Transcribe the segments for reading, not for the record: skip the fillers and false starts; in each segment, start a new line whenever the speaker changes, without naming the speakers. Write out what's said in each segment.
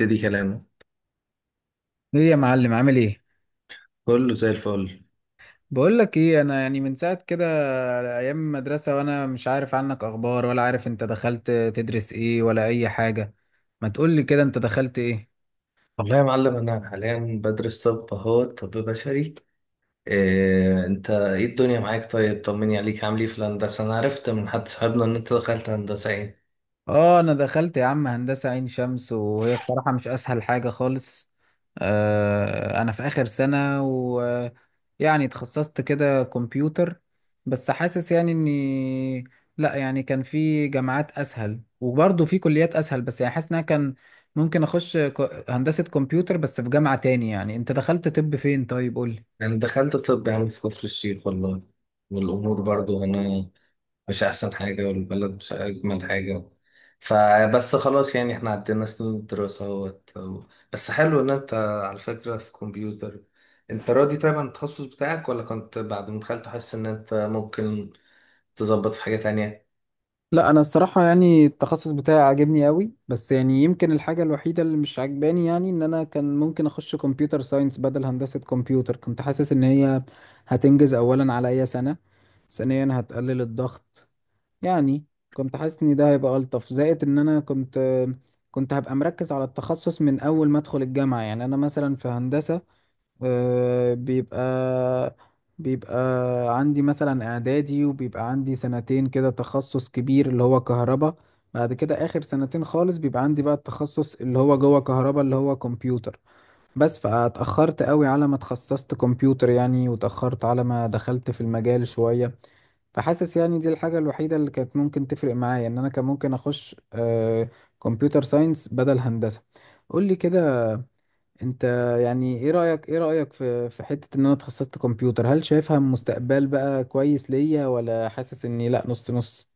ابتدي كلامه.
ايه يا معلم عامل ايه؟
كله زي الفل.
بقول لك ايه، انا يعني من ساعه كده، ايام المدرسه وانا مش عارف عنك اخبار ولا عارف انت دخلت تدرس ايه ولا اي حاجه. ما تقول لي كده انت دخلت ايه؟
والله يا معلم، أنا حاليا بدرس طب، أهو طب بشري. إيه أنت، إيه الدنيا معاك؟ طيب طمني عليك، عامل إيه في الهندسة؟ أنا عرفت من حد صاحبنا إن أنت دخلت هندسة إيه.
اه انا دخلت يا عم هندسة عين شمس، وهي الصراحة مش اسهل حاجة خالص. آه انا في اخر سنة ويعني اتخصصت كده كمبيوتر. بس حاسس يعني اني، لا يعني كان في جامعات اسهل وبرضه في كليات اسهل، بس يعني حاسس ان انا كان ممكن اخش هندسة كمبيوتر بس في جامعة تاني. يعني انت دخلت طب فين؟ طيب قولي.
أنا دخلت طب يا عم في كفر الشيخ والله. والأمور برضو هنا مش أحسن حاجة، والبلد مش أجمل حاجة. فبس خلاص، يعني احنا عدينا سنين الدراسة اهوت. بس حلو إن أنت على فكرة في كمبيوتر. أنت راضي طيب عن التخصص بتاعك، ولا كنت بعد ما دخلت حاسس إن أنت ممكن تظبط في حاجة تانية؟
لا انا الصراحه يعني التخصص بتاعي عاجبني قوي، بس يعني يمكن الحاجه الوحيده اللي مش عاجباني، يعني ان انا كان ممكن اخش كمبيوتر ساينس بدل هندسه كمبيوتر. كنت حاسس ان هي هتنجز اولا عليا سنه، ثانيا هتقلل الضغط يعني. كنت حاسس ان ده هيبقى الطف، زائد ان انا كنت هبقى مركز على التخصص من اول ما ادخل الجامعه. يعني انا مثلا في هندسه آه، بيبقى عندي مثلا اعدادي، وبيبقى عندي سنتين كده تخصص كبير اللي هو كهرباء. بعد كده اخر سنتين خالص بيبقى عندي بقى التخصص اللي هو جوه كهرباء اللي هو كمبيوتر. بس فاتأخرت قوي على ما اتخصصت كمبيوتر يعني، وتأخرت على ما دخلت في المجال شوية. فحاسس يعني دي الحاجة الوحيدة اللي كانت ممكن تفرق معايا، ان انا كان ممكن اخش كمبيوتر ساينس بدل هندسة. قول لي كده انت، يعني ايه رأيك؟ ايه رأيك في حتة ان انا اتخصصت كمبيوتر؟ هل شايفها مستقبل بقى كويس ليا، ولا حاسس اني لا، نص نص؟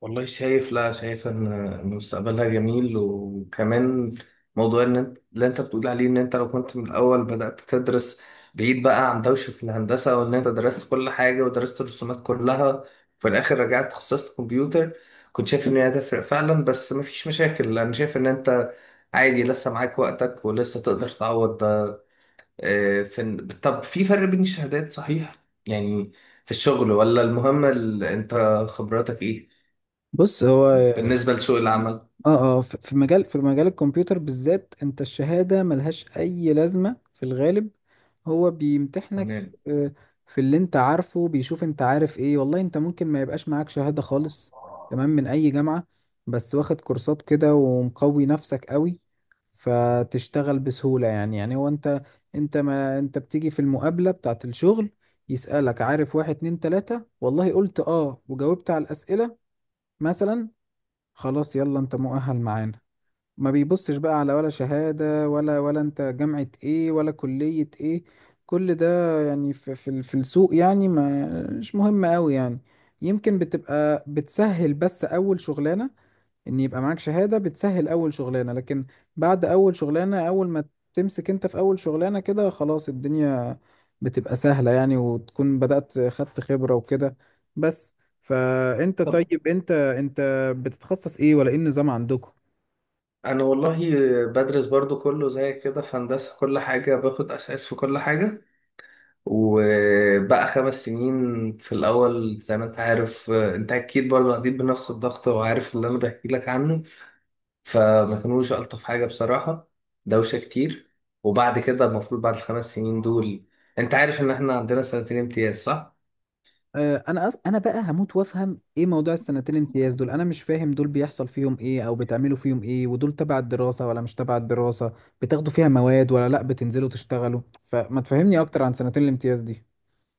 والله شايف، لا شايف إن مستقبلها جميل. وكمان موضوع ان انت اللي انت بتقول عليه، ان انت لو كنت من الاول بدأت تدرس بعيد بقى عن دوشة الهندسة، وان انت درست كل حاجة ودرست الرسومات كلها، وفي الاخر رجعت اتخصصت كمبيوتر، كنت شايف ان هي هتفرق فعلا. بس مفيش مشاكل، انا شايف ان انت عادي لسه معاك وقتك، ولسه تقدر تعوض ده. آه، في طب، في فرق بين الشهادات صحيح؟ يعني في الشغل، ولا المهم انت خبراتك ايه؟
بص هو،
بالنسبة لسوق العمل.
في مجال في مجال الكمبيوتر بالذات، انت الشهادة ملهاش اي لازمة في الغالب. هو بيمتحنك
تمام.
في في اللي انت عارفه، بيشوف انت عارف ايه. والله انت ممكن ما يبقاش معاك شهادة خالص، تمام، من اي جامعة، بس واخد كورسات كده ومقوي نفسك قوي، فتشتغل بسهولة يعني. يعني هو انت، انت ما انت بتيجي في المقابلة بتاعة الشغل، يسألك عارف واحد اتنين تلاتة، والله قلت اه وجاوبت على الأسئلة مثلا، خلاص يلا انت مؤهل معانا. ما بيبصش بقى على ولا شهادة ولا، ولا انت جامعة ايه ولا كلية ايه. كل ده يعني في في السوق يعني، ما مش مهم قوي يعني. يمكن بتبقى بتسهل بس اول شغلانة، ان يبقى معاك شهادة بتسهل اول شغلانة، لكن بعد اول شغلانة، اول ما تمسك انت في اول شغلانة كده، خلاص الدنيا بتبقى سهلة يعني، وتكون بدأت خدت خبرة وكده بس. فانت
طب
طيب، انت بتتخصص ايه ولا ايه النظام عندكم؟
انا والله بدرس برضو كله زي كده، في هندسة كل حاجة باخد اساس في كل حاجة. وبقى خمس سنين في الاول، زي ما انت عارف، انت اكيد برضو عديت بنفس الضغط وعارف اللي انا بحكي لك عنه. فما كانوش الطف حاجة بصراحة، دوشة كتير. وبعد كده المفروض بعد الخمس سنين دول، انت عارف ان احنا عندنا سنتين امتياز صح؟
آه، انا بقى هموت وافهم ايه موضوع السنتين امتياز دول، انا مش فاهم دول بيحصل فيهم ايه او بتعملوا فيهم ايه، ودول تبع الدراسة ولا مش تبع الدراسة؟ بتاخدوا فيها مواد ولا لا بتنزلوا تشتغلوا؟ فما تفهمني اكتر عن سنتين الامتياز دي.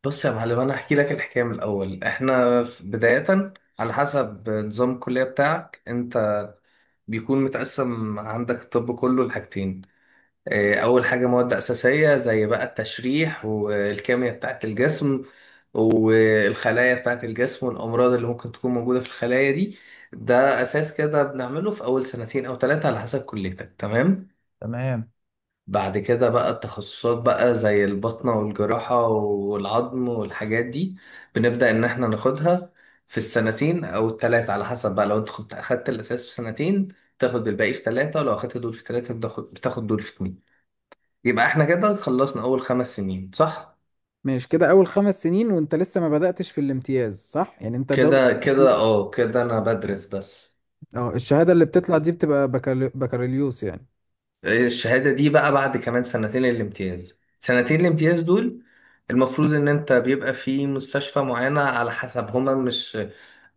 بص يا معلم، انا هحكي لك الحكايه من الاول. احنا بدايه على حسب نظام الكليه بتاعك انت، بيكون متقسم عندك الطب كله لحاجتين. اول حاجه مواد اساسيه، زي بقى التشريح والكيمياء بتاعت الجسم والخلايا بتاعت الجسم والامراض اللي ممكن تكون موجوده في الخلايا دي. ده اساس كده بنعمله في اول سنتين او ثلاثه على حسب كليتك، تمام.
تمام.
بعد كده بقى التخصصات، بقى زي البطنة والجراحة والعظم والحاجات دي، بنبدأ إن إحنا ناخدها في السنتين أو التلاتة، على حسب بقى لو أنت كنت أخدت الأساس في سنتين تاخد الباقي في تلاتة، ولو أخدت دول في تلاتة بتاخد دول في اتنين. يبقى إحنا كده خلصنا أول خمس سنين صح؟
ماشي كده اول خمس سنين وانت لسه ما بدأتش في الامتياز، صح؟ يعني انت دول،
كده أنا بدرس بس.
اه الشهادة اللي بتطلع دي بتبقى بكالوريوس يعني.
الشهادة دي بقى بعد كمان سنتين الامتياز. سنتين الامتياز دول المفروض ان انت بيبقى في مستشفى معينة، على حسب، هما مش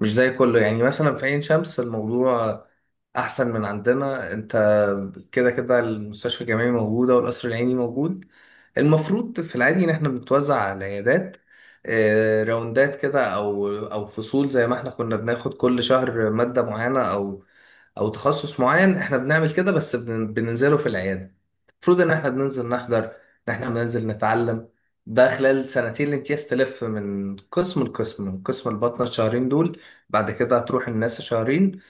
مش زي كله. يعني مثلا في عين شمس الموضوع احسن من عندنا، انت كده كده المستشفى الجامعي موجوده والقصر العيني موجود. المفروض في العادي ان احنا بنتوزع على العيادات، راوندات كده، او فصول، زي ما احنا كنا بناخد كل شهر ماده معينه او او تخصص معين. احنا بنعمل كده، بس بننزله في العياده. المفروض ان احنا بننزل نحضر، ان احنا بننزل نتعلم. ده خلال سنتين الامتياز تلف من قسم لقسم. من قسم البطنة الشهرين دول، بعد كده هتروح الناس شهرين،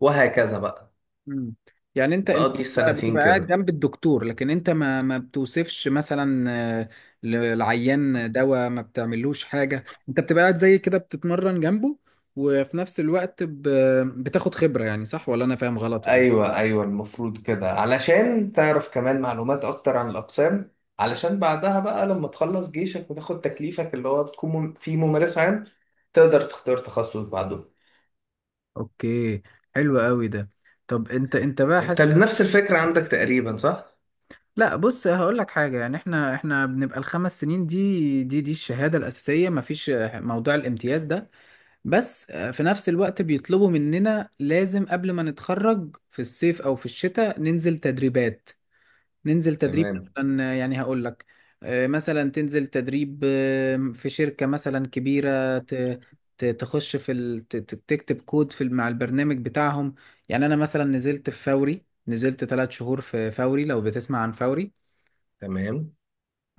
وهكذا بقى.
مم. يعني انت
تقضي السنتين
بتبقى قاعد
كده.
جنب الدكتور، لكن انت ما بتوصفش مثلا آه، للعيان دواء، ما بتعملوش حاجة. انت بتبقى قاعد زي كده بتتمرن جنبه، وفي نفس الوقت بتاخد خبرة يعني. صح ولا انا فاهم غلط ولا ايه؟
ايوه ايوه، المفروض كده علشان تعرف كمان معلومات اكتر عن الاقسام، علشان بعدها بقى لما تخلص جيشك وتاخد تكليفك، اللي هو بتكون فيه ممارس عام، تقدر تختار تخصص بعده.
اوكي. حلو قوي ده. طب انت بقى
انت
حاسس،
نفس الفكرة عندك تقريبا صح؟
لا بص هقول لك حاجه، يعني احنا بنبقى الخمس سنين دي، دي الشهاده الاساسيه، مفيش موضوع الامتياز ده. بس آه، في نفس الوقت بيطلبوا مننا لازم قبل ما نتخرج في الصيف او في الشتاء ننزل تدريبات. ننزل تدريب
تمام
مثلا آه، يعني هقول لك، آه، مثلا تنزل تدريب آه، في شركة مثلا كبيرة، تخش في تكتب كود في مع البرنامج بتاعهم. يعني انا مثلا نزلت في فوري، نزلت ثلاث شهور في فوري، لو بتسمع عن فوري.
تمام.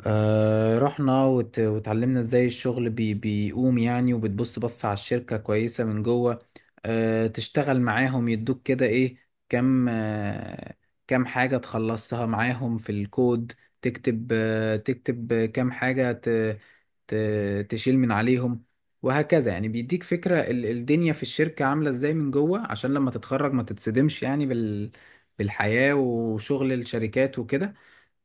آه رحنا وتعلمنا ازاي الشغل بيقوم يعني، وبتبص على الشركة كويسة من جوه. آه تشتغل معاهم، يدوك كده ايه، كم آه كم حاجة تخلصها معاهم في الكود، تكتب آه تكتب كم حاجة ت... تشيل من عليهم، وهكذا. يعني بيديك فكرة الدنيا في الشركة عاملة ازاي من جوه، عشان لما تتخرج ما تتصدمش يعني بالحياة وشغل الشركات وكده.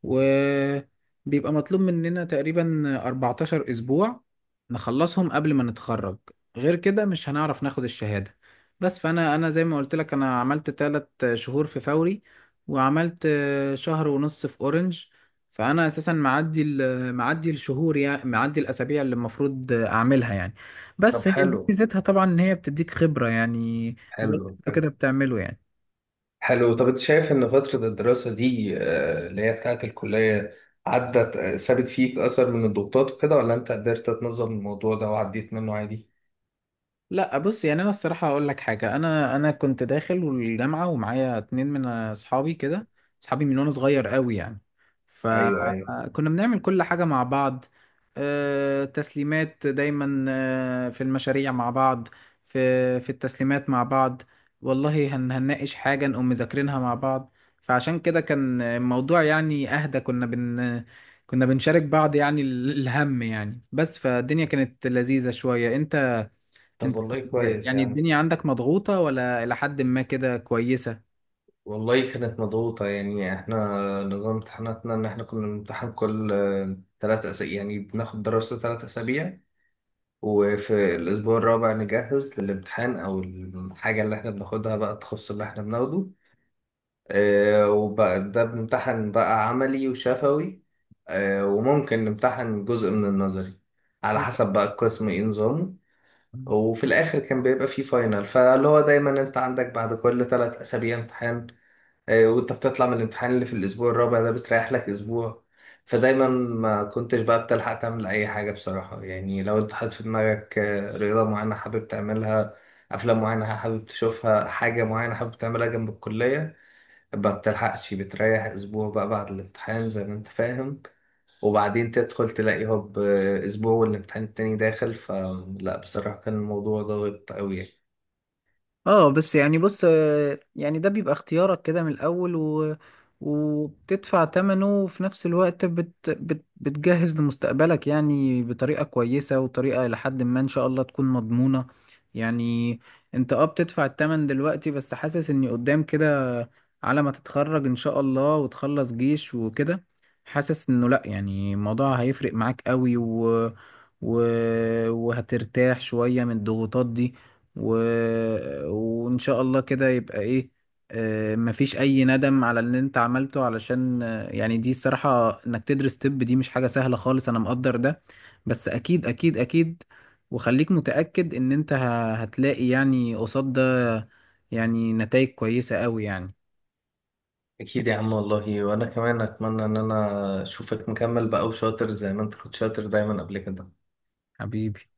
وبيبقى مطلوب مننا تقريبا 14 أسبوع نخلصهم قبل ما نتخرج، غير كده مش هنعرف ناخد الشهادة. بس أنا زي ما قلت لك أنا عملت تلات شهور في فوري، وعملت شهر ونص في أورنج. فأنا أساسا معدي معدي الشهور يعني، معدي الأسابيع اللي المفروض أعملها يعني.
طب
بس هي دي
حلو
ميزتها طبعا، إن هي بتديك خبرة يعني، زي ما
حلو،
انتوا
حلو
كده بتعمله يعني.
حلو. طب انت شايف ان فترة الدراسة دي، اللي هي بتاعت الكلية، عدت سابت فيك اثر من الضغوطات وكده، ولا انت قدرت تنظم الموضوع ده وعديت منه عادي؟
لا بص يعني انا الصراحه هقول لك حاجه، انا كنت داخل الجامعه ومعايا اتنين من اصحابي كده، اصحابي من وانا صغير قوي يعني،
ايوه ايوه.
فكنا بنعمل كل حاجه مع بعض. آه، تسليمات دايما آه، في المشاريع مع بعض، في التسليمات مع بعض. والله هنناقش حاجه نقوم مذاكرينها مع بعض. فعشان كده كان الموضوع يعني اهدى، كنا بنشارك بعض يعني الهم يعني بس، فالدنيا كانت لذيذه شويه. انت،
طب
انت
والله
كنت،
كويس
يعني
يا عم.
الدنيا عندك مضغوطة ولا إلى حد ما كده كويسة؟
والله كانت مضغوطة يعني. احنا نظام امتحاناتنا ان احنا كنا بنمتحن كل ثلاث اسابيع. يعني بناخد دراسة ثلاث اسابيع، وفي الاسبوع الرابع نجهز للامتحان، او الحاجة اللي احنا بناخدها بقى، التخصص اللي احنا بناخده. وبقى ده بنمتحن بقى عملي وشفوي، وممكن نمتحن جزء من النظري، على
هو
حسب بقى القسم ايه نظامه. وفي الاخر كان بيبقى فيه فاينل. فاللي هو دايما انت عندك بعد كل ثلاث اسابيع امتحان، وانت بتطلع من الامتحان اللي في الاسبوع الرابع ده بتريح لك اسبوع. فدايما ما كنتش بقى بتلحق تعمل اي حاجة بصراحة، يعني لو انت حاطط في دماغك رياضة معينة حابب تعملها، افلام معينة حابب تشوفها، حاجة معينة حابب تعملها جنب الكلية، ما بتلحقش. بتريح اسبوع بقى بعد الامتحان، زي ما انت فاهم، وبعدين تدخل تلاقي هوب، اسبوع والامتحان التاني داخل. فلا بصراحة كان الموضوع ضاغط قوي يعني.
اه، بس يعني بص آه، يعني ده بيبقى اختيارك كده من الأول، وبتدفع تمنه، وفي نفس الوقت بتجهز لمستقبلك يعني بطريقة كويسة، وطريقة لحد ما إن شاء الله تكون مضمونة يعني. انت اه بتدفع التمن دلوقتي، بس حاسس اني قدام كده، على ما تتخرج إن شاء الله وتخلص جيش وكده، حاسس انه لأ، يعني الموضوع هيفرق معاك قوي، و... وهترتاح شوية من الضغوطات دي، و... وإن شاء الله كده يبقى إيه، آه، مفيش أي ندم على اللي أنت عملته. علشان آه، يعني دي الصراحة إنك تدرس طب دي مش حاجة سهلة خالص، أنا مقدر ده. بس أكيد أكيد أكيد، وخليك متأكد إن أنت هتلاقي يعني قصاد ده يعني نتائج كويسة أوي يعني.
اكيد يا عم والله، وانا كمان اتمنى ان انا اشوفك مكمل بقى وشاطر، زي ما انت كنت شاطر دايما قبل كده.
حبيبي.